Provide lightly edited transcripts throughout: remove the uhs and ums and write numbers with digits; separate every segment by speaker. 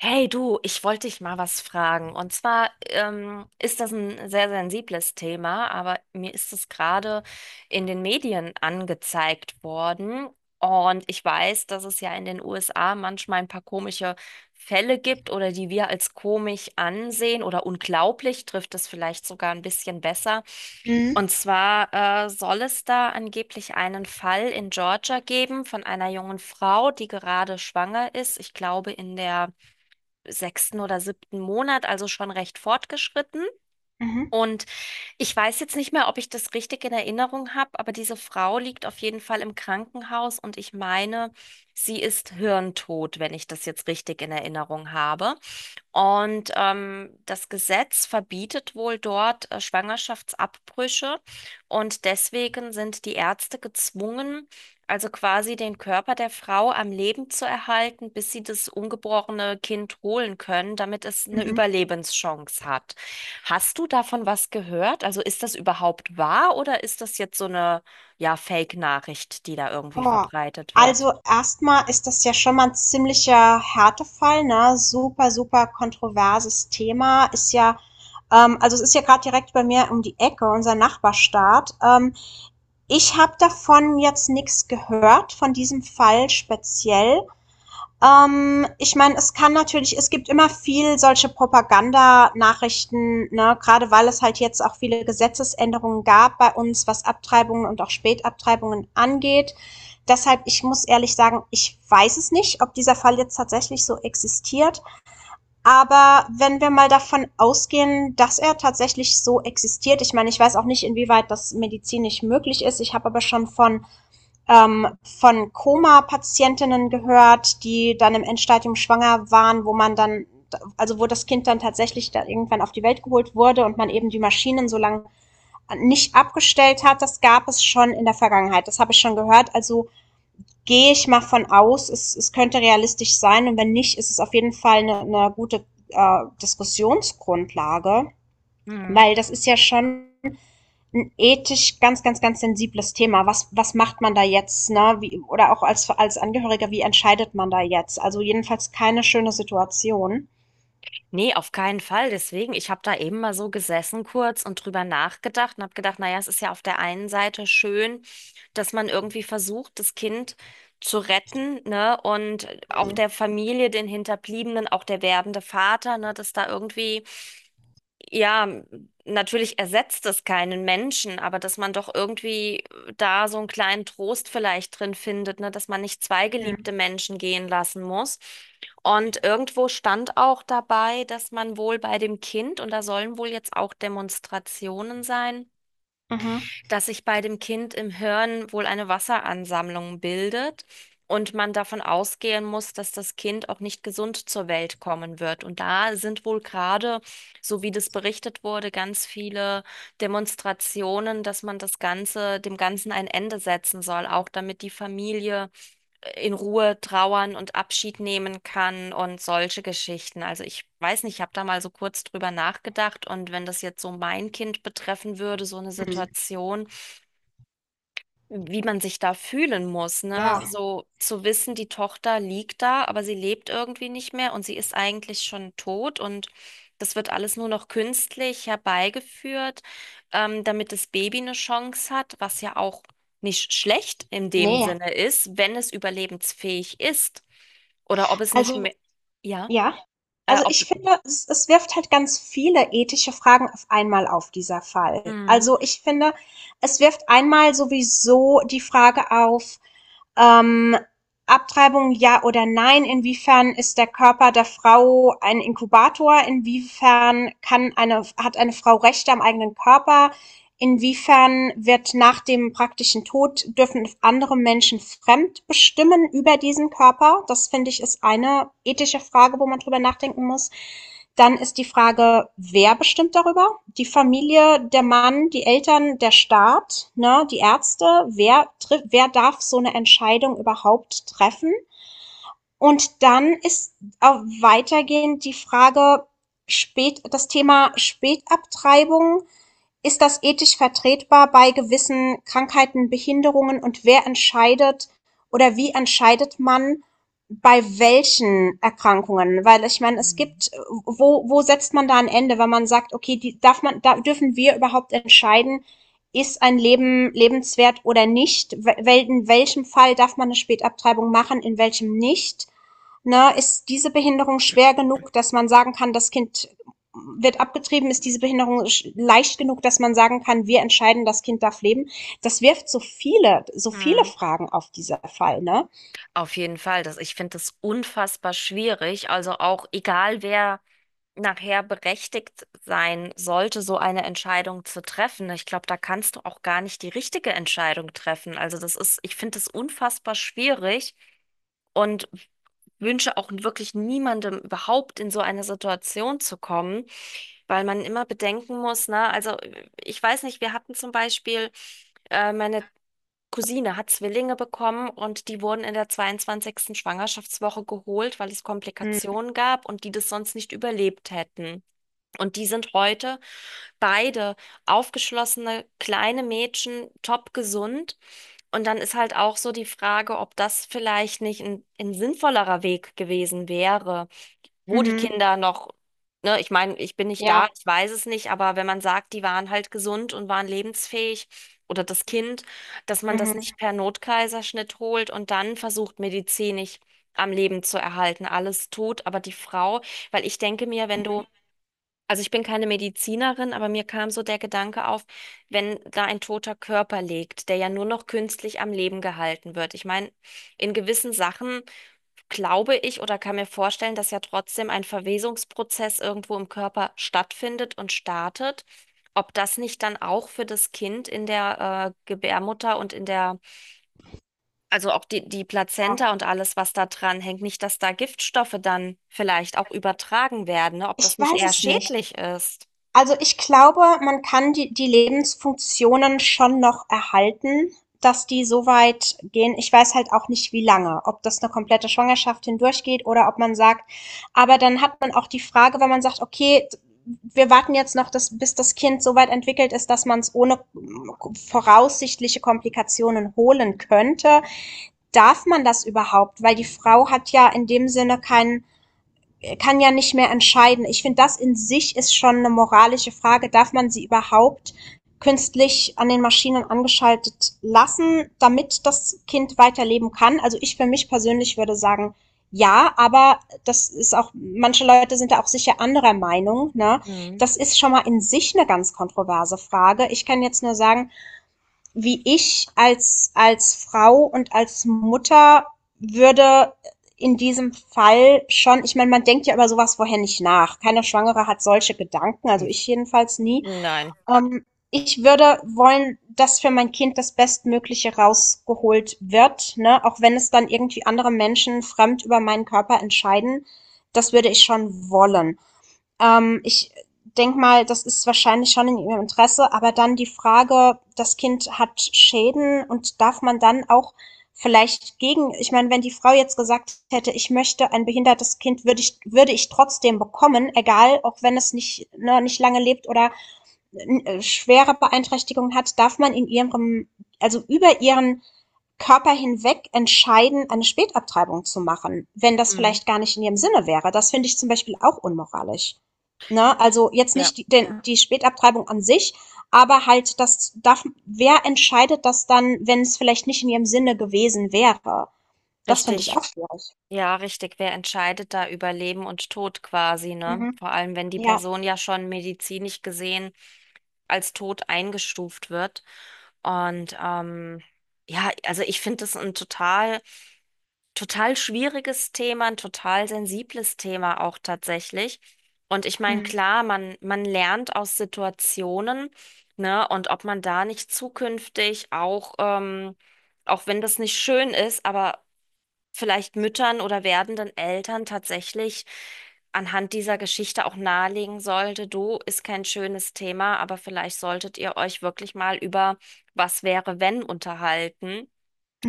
Speaker 1: Hey du, ich wollte dich mal was fragen. Und zwar ist das ein sehr sensibles Thema, aber mir ist es gerade in den Medien angezeigt worden. Und ich weiß, dass es ja in den USA manchmal ein paar komische Fälle gibt oder die wir als komisch ansehen oder unglaublich, trifft es vielleicht sogar ein bisschen besser.
Speaker 2: Mhm,
Speaker 1: Und zwar soll es da angeblich einen Fall in Georgia geben von einer jungen Frau, die gerade schwanger ist. Ich glaube, in der sechsten oder siebten Monat, also schon recht fortgeschritten.
Speaker 2: mhm,
Speaker 1: Und ich weiß jetzt nicht mehr, ob ich das richtig in Erinnerung habe, aber diese Frau liegt auf jeden Fall im Krankenhaus und ich meine, sie ist hirntot, wenn ich das jetzt richtig in Erinnerung habe. Und das Gesetz verbietet wohl dort Schwangerschaftsabbrüche und deswegen sind die Ärzte gezwungen, also quasi den Körper der Frau am Leben zu erhalten, bis sie das ungeborene Kind holen können, damit es eine
Speaker 2: mhm.
Speaker 1: Überlebenschance hat. Hast du davon was gehört? Also ist das überhaupt wahr oder ist das jetzt so eine, ja, Fake-Nachricht, die da irgendwie
Speaker 2: Boah.
Speaker 1: verbreitet wird?
Speaker 2: Also erstmal ist das ja schon mal ein ziemlicher Härtefall, ne? Super, super kontroverses Thema. Ist ja also es ist ja gerade direkt bei mir um die Ecke, unser Nachbarstaat. Ich habe davon jetzt nichts gehört, von diesem Fall speziell. Ich meine, es kann natürlich, es gibt immer viel solche Propagandanachrichten, ne, gerade weil es halt jetzt auch viele Gesetzesänderungen gab bei uns, was Abtreibungen und auch Spätabtreibungen angeht. Deshalb, ich muss ehrlich sagen, ich weiß es nicht, ob dieser Fall jetzt tatsächlich so existiert. Aber wenn wir mal davon ausgehen, dass er tatsächlich so existiert, ich meine, ich weiß auch nicht, inwieweit das medizinisch möglich ist. Ich habe aber schon von Koma-Patientinnen gehört, die dann im Endstadium schwanger waren, wo man dann, also wo das Kind dann tatsächlich dann irgendwann auf die Welt geholt wurde und man eben die Maschinen so lange nicht abgestellt hat. Das gab es schon in der Vergangenheit. Das habe ich schon gehört. Also gehe ich mal von aus, es könnte realistisch sein. Und wenn nicht, ist es auf jeden Fall eine gute Diskussionsgrundlage,
Speaker 1: Mhm.
Speaker 2: weil das ist ja schon ein ethisch ganz, ganz, ganz sensibles Thema. Was was macht man da jetzt, ne? Wie oder auch als als Angehöriger, wie entscheidet man da jetzt? Also, jedenfalls keine schöne Situation.
Speaker 1: Nee, auf keinen Fall. Deswegen, ich habe da eben mal so gesessen kurz und drüber nachgedacht und habe gedacht, naja, es ist ja auf der einen Seite schön, dass man irgendwie versucht, das Kind zu retten, ne? Und auch
Speaker 2: Mhm.
Speaker 1: der Familie, den Hinterbliebenen, auch der werdende Vater, ne? Dass da irgendwie ja, natürlich ersetzt es keinen Menschen, aber dass man doch irgendwie da so einen kleinen Trost vielleicht drin findet, ne, dass man nicht zwei geliebte
Speaker 2: Mhm.
Speaker 1: Menschen gehen lassen muss. Und irgendwo stand auch dabei, dass man wohl bei dem Kind, und da sollen wohl jetzt auch Demonstrationen sein,
Speaker 2: Mhm.
Speaker 1: dass sich bei dem Kind im Hirn wohl eine Wasseransammlung bildet und man davon ausgehen muss, dass das Kind auch nicht gesund zur Welt kommen wird. Und da sind wohl gerade, so wie das berichtet wurde, ganz viele Demonstrationen, dass man das Ganze, dem Ganzen ein Ende setzen soll, auch damit die Familie in Ruhe trauern und Abschied nehmen kann und solche Geschichten. Also ich weiß nicht, ich habe da mal so kurz drüber nachgedacht und wenn das jetzt so mein Kind betreffen würde, so eine
Speaker 2: Mhm.
Speaker 1: Situation, wie man sich da fühlen muss, ne?
Speaker 2: Ja,
Speaker 1: So zu wissen, die Tochter liegt da, aber sie lebt irgendwie nicht mehr und sie ist eigentlich schon tot und das wird alles nur noch künstlich herbeigeführt, damit das Baby eine Chance hat, was ja auch nicht schlecht in dem
Speaker 2: ne.
Speaker 1: Sinne ist, wenn es überlebensfähig ist oder ob es nicht
Speaker 2: Also
Speaker 1: mehr, ja,
Speaker 2: ja? Also,
Speaker 1: ob
Speaker 2: ich finde, es wirft halt ganz viele ethische Fragen auf einmal auf, dieser Fall.
Speaker 1: Mhm.
Speaker 2: Also, ich finde, es wirft einmal sowieso die Frage auf. Ähm, Abtreibung ja oder nein? Inwiefern ist der Körper der Frau ein Inkubator? Inwiefern kann eine, hat eine Frau Rechte am eigenen Körper? Inwiefern wird nach dem praktischen Tod, dürfen andere Menschen fremd bestimmen über diesen Körper? Das finde ich ist eine ethische Frage, wo man drüber nachdenken muss. Dann ist die Frage, wer bestimmt darüber? Die Familie, der Mann, die Eltern, der Staat, ne, die Ärzte, wer, trifft, wer darf so eine Entscheidung überhaupt treffen? Und dann ist auch weitergehend die Frage, spät, das Thema Spätabtreibung, ist das ethisch vertretbar bei gewissen Krankheiten, Behinderungen und wer entscheidet oder wie entscheidet man bei welchen Erkrankungen? Weil ich meine, es gibt, wo, wo setzt man da ein Ende, wenn man sagt, okay, die darf man, da dürfen wir überhaupt entscheiden, ist ein Leben lebenswert oder nicht? In welchem Fall darf man eine Spätabtreibung machen, in welchem nicht? Ne, ist diese Behinderung schwer genug, dass man sagen kann, das Kind wird abgetrieben, ist diese Behinderung leicht genug, dass man sagen kann, wir entscheiden, das Kind darf leben. Das wirft so viele
Speaker 1: Mhm.
Speaker 2: Fragen auf dieser Fall, ne?
Speaker 1: Auf jeden Fall, das, ich finde das unfassbar schwierig. Also auch egal wer nachher berechtigt sein sollte, so eine Entscheidung zu treffen. Ich glaube, da kannst du auch gar nicht die richtige Entscheidung treffen. Also das ist, ich finde es unfassbar schwierig und wünsche auch wirklich niemandem überhaupt in so eine Situation zu kommen, weil man immer bedenken muss, ne? Also ich weiß nicht, wir hatten zum Beispiel, meine Cousine hat Zwillinge bekommen und die wurden in der zweiundzwanzigsten Schwangerschaftswoche geholt, weil es Komplikationen gab und die das sonst nicht überlebt hätten. Und die sind heute beide aufgeschlossene kleine Mädchen, top gesund. Und dann ist halt auch so die Frage, ob das vielleicht nicht ein sinnvollerer Weg gewesen wäre, wo die
Speaker 2: Mhm.
Speaker 1: Kinder noch, ne, ich meine, ich bin nicht da,
Speaker 2: Ja.
Speaker 1: ich weiß es nicht, aber wenn man sagt, die waren halt gesund und waren lebensfähig oder das Kind, dass man das
Speaker 2: Mhm.
Speaker 1: nicht per Notkaiserschnitt holt und dann versucht, medizinisch am Leben zu erhalten, alles tut, aber die Frau, weil ich denke mir, wenn du also ich bin keine Medizinerin, aber mir kam so der Gedanke auf, wenn da ein toter Körper liegt, der ja nur noch künstlich am Leben gehalten wird. Ich meine, in gewissen Sachen glaube ich oder kann mir vorstellen, dass ja trotzdem ein Verwesungsprozess irgendwo im Körper stattfindet und startet. Ob das nicht dann auch für das Kind in der Gebärmutter und in der, also auch die
Speaker 2: Ja.
Speaker 1: Plazenta und alles, was da dran hängt, nicht, dass da Giftstoffe dann vielleicht auch übertragen werden, ne? Ob das
Speaker 2: Ich
Speaker 1: nicht
Speaker 2: weiß
Speaker 1: eher
Speaker 2: es nicht.
Speaker 1: schädlich ist.
Speaker 2: Also, ich glaube, man kann die Lebensfunktionen schon noch erhalten, dass die so weit gehen. Ich weiß halt auch nicht, wie lange, ob das eine komplette Schwangerschaft hindurchgeht oder ob man sagt, aber dann hat man auch die Frage, wenn man sagt: „Okay, wir warten jetzt noch, das bis das Kind so weit entwickelt ist, dass man es ohne voraussichtliche Komplikationen holen könnte.“ Darf man das überhaupt? Weil die Frau hat ja in dem Sinne keinen, kann ja nicht mehr entscheiden. Ich finde, das in sich ist schon eine moralische Frage. Darf man sie überhaupt künstlich an den Maschinen angeschaltet lassen, damit das Kind weiterleben kann? Also ich für mich persönlich würde sagen, ja, aber das ist auch, manche Leute sind da auch sicher anderer Meinung. Ne? Das ist schon mal in sich eine ganz kontroverse Frage. Ich kann jetzt nur sagen, wie ich als, als Frau und als Mutter würde in diesem Fall schon, ich meine, man denkt ja über sowas vorher nicht nach. Keine Schwangere hat solche Gedanken, also ich jedenfalls nie.
Speaker 1: Nein.
Speaker 2: Ähm, Ich würde wollen, dass für mein Kind das Bestmögliche rausgeholt wird, ne? Auch wenn es dann irgendwie andere Menschen fremd über meinen Körper entscheiden. Das würde ich schon wollen. Ich denke mal, das ist wahrscheinlich schon in ihrem Interesse, aber dann die Frage, das Kind hat Schäden und darf man dann auch vielleicht gegen, ich meine, wenn die Frau jetzt gesagt hätte, ich möchte ein behindertes Kind, würde ich trotzdem bekommen, egal, auch wenn es nicht, ne, nicht lange lebt oder schwere Beeinträchtigungen hat, darf man in ihrem, also über ihren Körper hinweg entscheiden, eine Spätabtreibung zu machen, wenn das
Speaker 1: Mhm.
Speaker 2: vielleicht gar nicht in ihrem Sinne wäre. Das finde ich zum Beispiel auch unmoralisch. Ne? Also jetzt
Speaker 1: Ja,
Speaker 2: nicht die, den, die Spätabtreibung an sich, aber halt das darf, wer entscheidet das dann, wenn es vielleicht nicht in ihrem Sinne gewesen wäre? Das finde ich
Speaker 1: richtig.
Speaker 2: auch schwierig.
Speaker 1: Ja, richtig. Wer entscheidet da über Leben und Tod quasi, ne?
Speaker 2: Mhm.
Speaker 1: Vor allem, wenn die
Speaker 2: Ja.
Speaker 1: Person ja schon medizinisch gesehen als tot eingestuft wird. Und ja, also ich finde das ein total, total schwieriges Thema, ein total sensibles Thema auch tatsächlich. Und ich meine,
Speaker 2: Mhm.
Speaker 1: klar, man lernt aus Situationen, ne? Und ob man da nicht zukünftig auch, auch wenn das nicht schön ist, aber vielleicht Müttern oder werdenden Eltern tatsächlich anhand dieser Geschichte auch nahelegen sollte, du, ist kein schönes Thema, aber vielleicht solltet ihr euch wirklich mal über was wäre, wenn unterhalten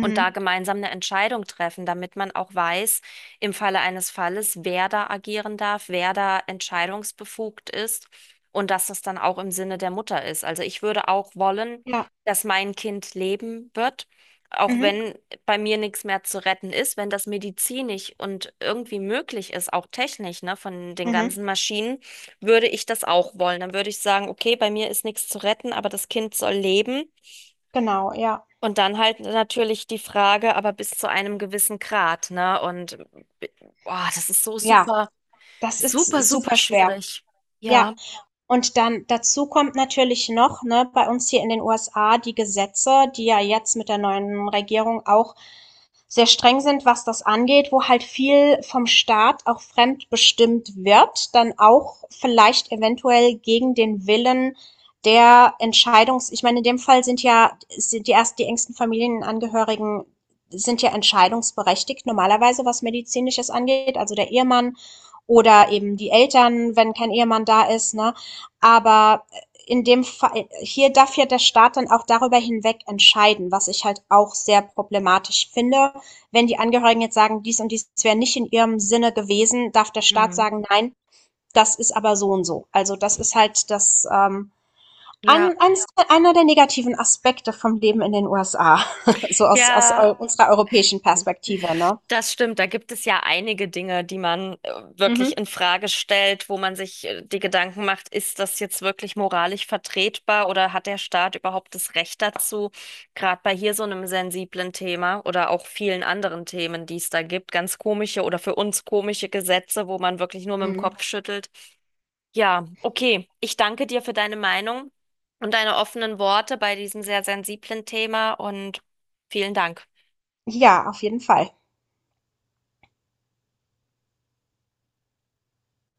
Speaker 1: und da gemeinsam eine Entscheidung treffen, damit man auch weiß, im Falle eines Falles, wer da agieren darf, wer da entscheidungsbefugt ist und dass das dann auch im Sinne der Mutter ist. Also ich würde auch wollen,
Speaker 2: Ja.
Speaker 1: dass mein Kind leben wird. Auch
Speaker 2: Mhm.
Speaker 1: wenn bei mir nichts mehr zu retten ist, wenn das medizinisch und irgendwie möglich ist, auch technisch, ne, von den
Speaker 2: Mhm.
Speaker 1: ganzen Maschinen, würde ich das auch wollen. Dann würde ich sagen, okay, bei mir ist nichts zu retten, aber das Kind soll leben.
Speaker 2: Genau, ja.
Speaker 1: Und dann halt natürlich die Frage, aber bis zu einem gewissen Grad, ne? Und boah, das ist so
Speaker 2: Ja,
Speaker 1: super,
Speaker 2: das
Speaker 1: super,
Speaker 2: ist
Speaker 1: super
Speaker 2: super schwer.
Speaker 1: schwierig.
Speaker 2: Ja,
Speaker 1: Ja.
Speaker 2: und dann dazu kommt natürlich noch, ne, bei uns hier in den USA die Gesetze, die ja jetzt mit der neuen Regierung auch sehr streng sind, was das angeht, wo halt viel vom Staat auch fremdbestimmt wird, dann auch vielleicht eventuell gegen den Willen der Entscheidungs, ich meine, in dem Fall sind die erst die engsten Familienangehörigen sind ja entscheidungsberechtigt normalerweise, was medizinisches angeht, also der Ehemann oder eben die Eltern, wenn kein Ehemann da ist, ne? Aber in dem Fall, hier darf ja der Staat dann auch darüber hinweg entscheiden, was ich halt auch sehr problematisch finde, wenn die Angehörigen jetzt sagen, dies und dies wäre nicht in ihrem Sinne gewesen, darf der Staat
Speaker 1: Hm.
Speaker 2: sagen, nein, das ist aber so und so. Also das ist halt das
Speaker 1: Ja.
Speaker 2: einer der negativen Aspekte vom Leben in den USA, so aus, aus
Speaker 1: Ja.
Speaker 2: eu unserer europäischen Perspektive. Ne?
Speaker 1: Das stimmt, da gibt es ja einige Dinge, die man wirklich in Frage stellt, wo man sich die Gedanken macht, ist das jetzt wirklich moralisch vertretbar oder hat der Staat überhaupt das Recht dazu? Gerade bei hier so einem sensiblen Thema oder auch vielen anderen Themen, die es da gibt, ganz komische oder für uns komische Gesetze, wo man wirklich nur mit dem
Speaker 2: Mhm.
Speaker 1: Kopf schüttelt. Ja, okay, ich danke dir für deine Meinung und deine offenen Worte bei diesem sehr sensiblen Thema und vielen Dank.
Speaker 2: Ja, auf jeden Fall.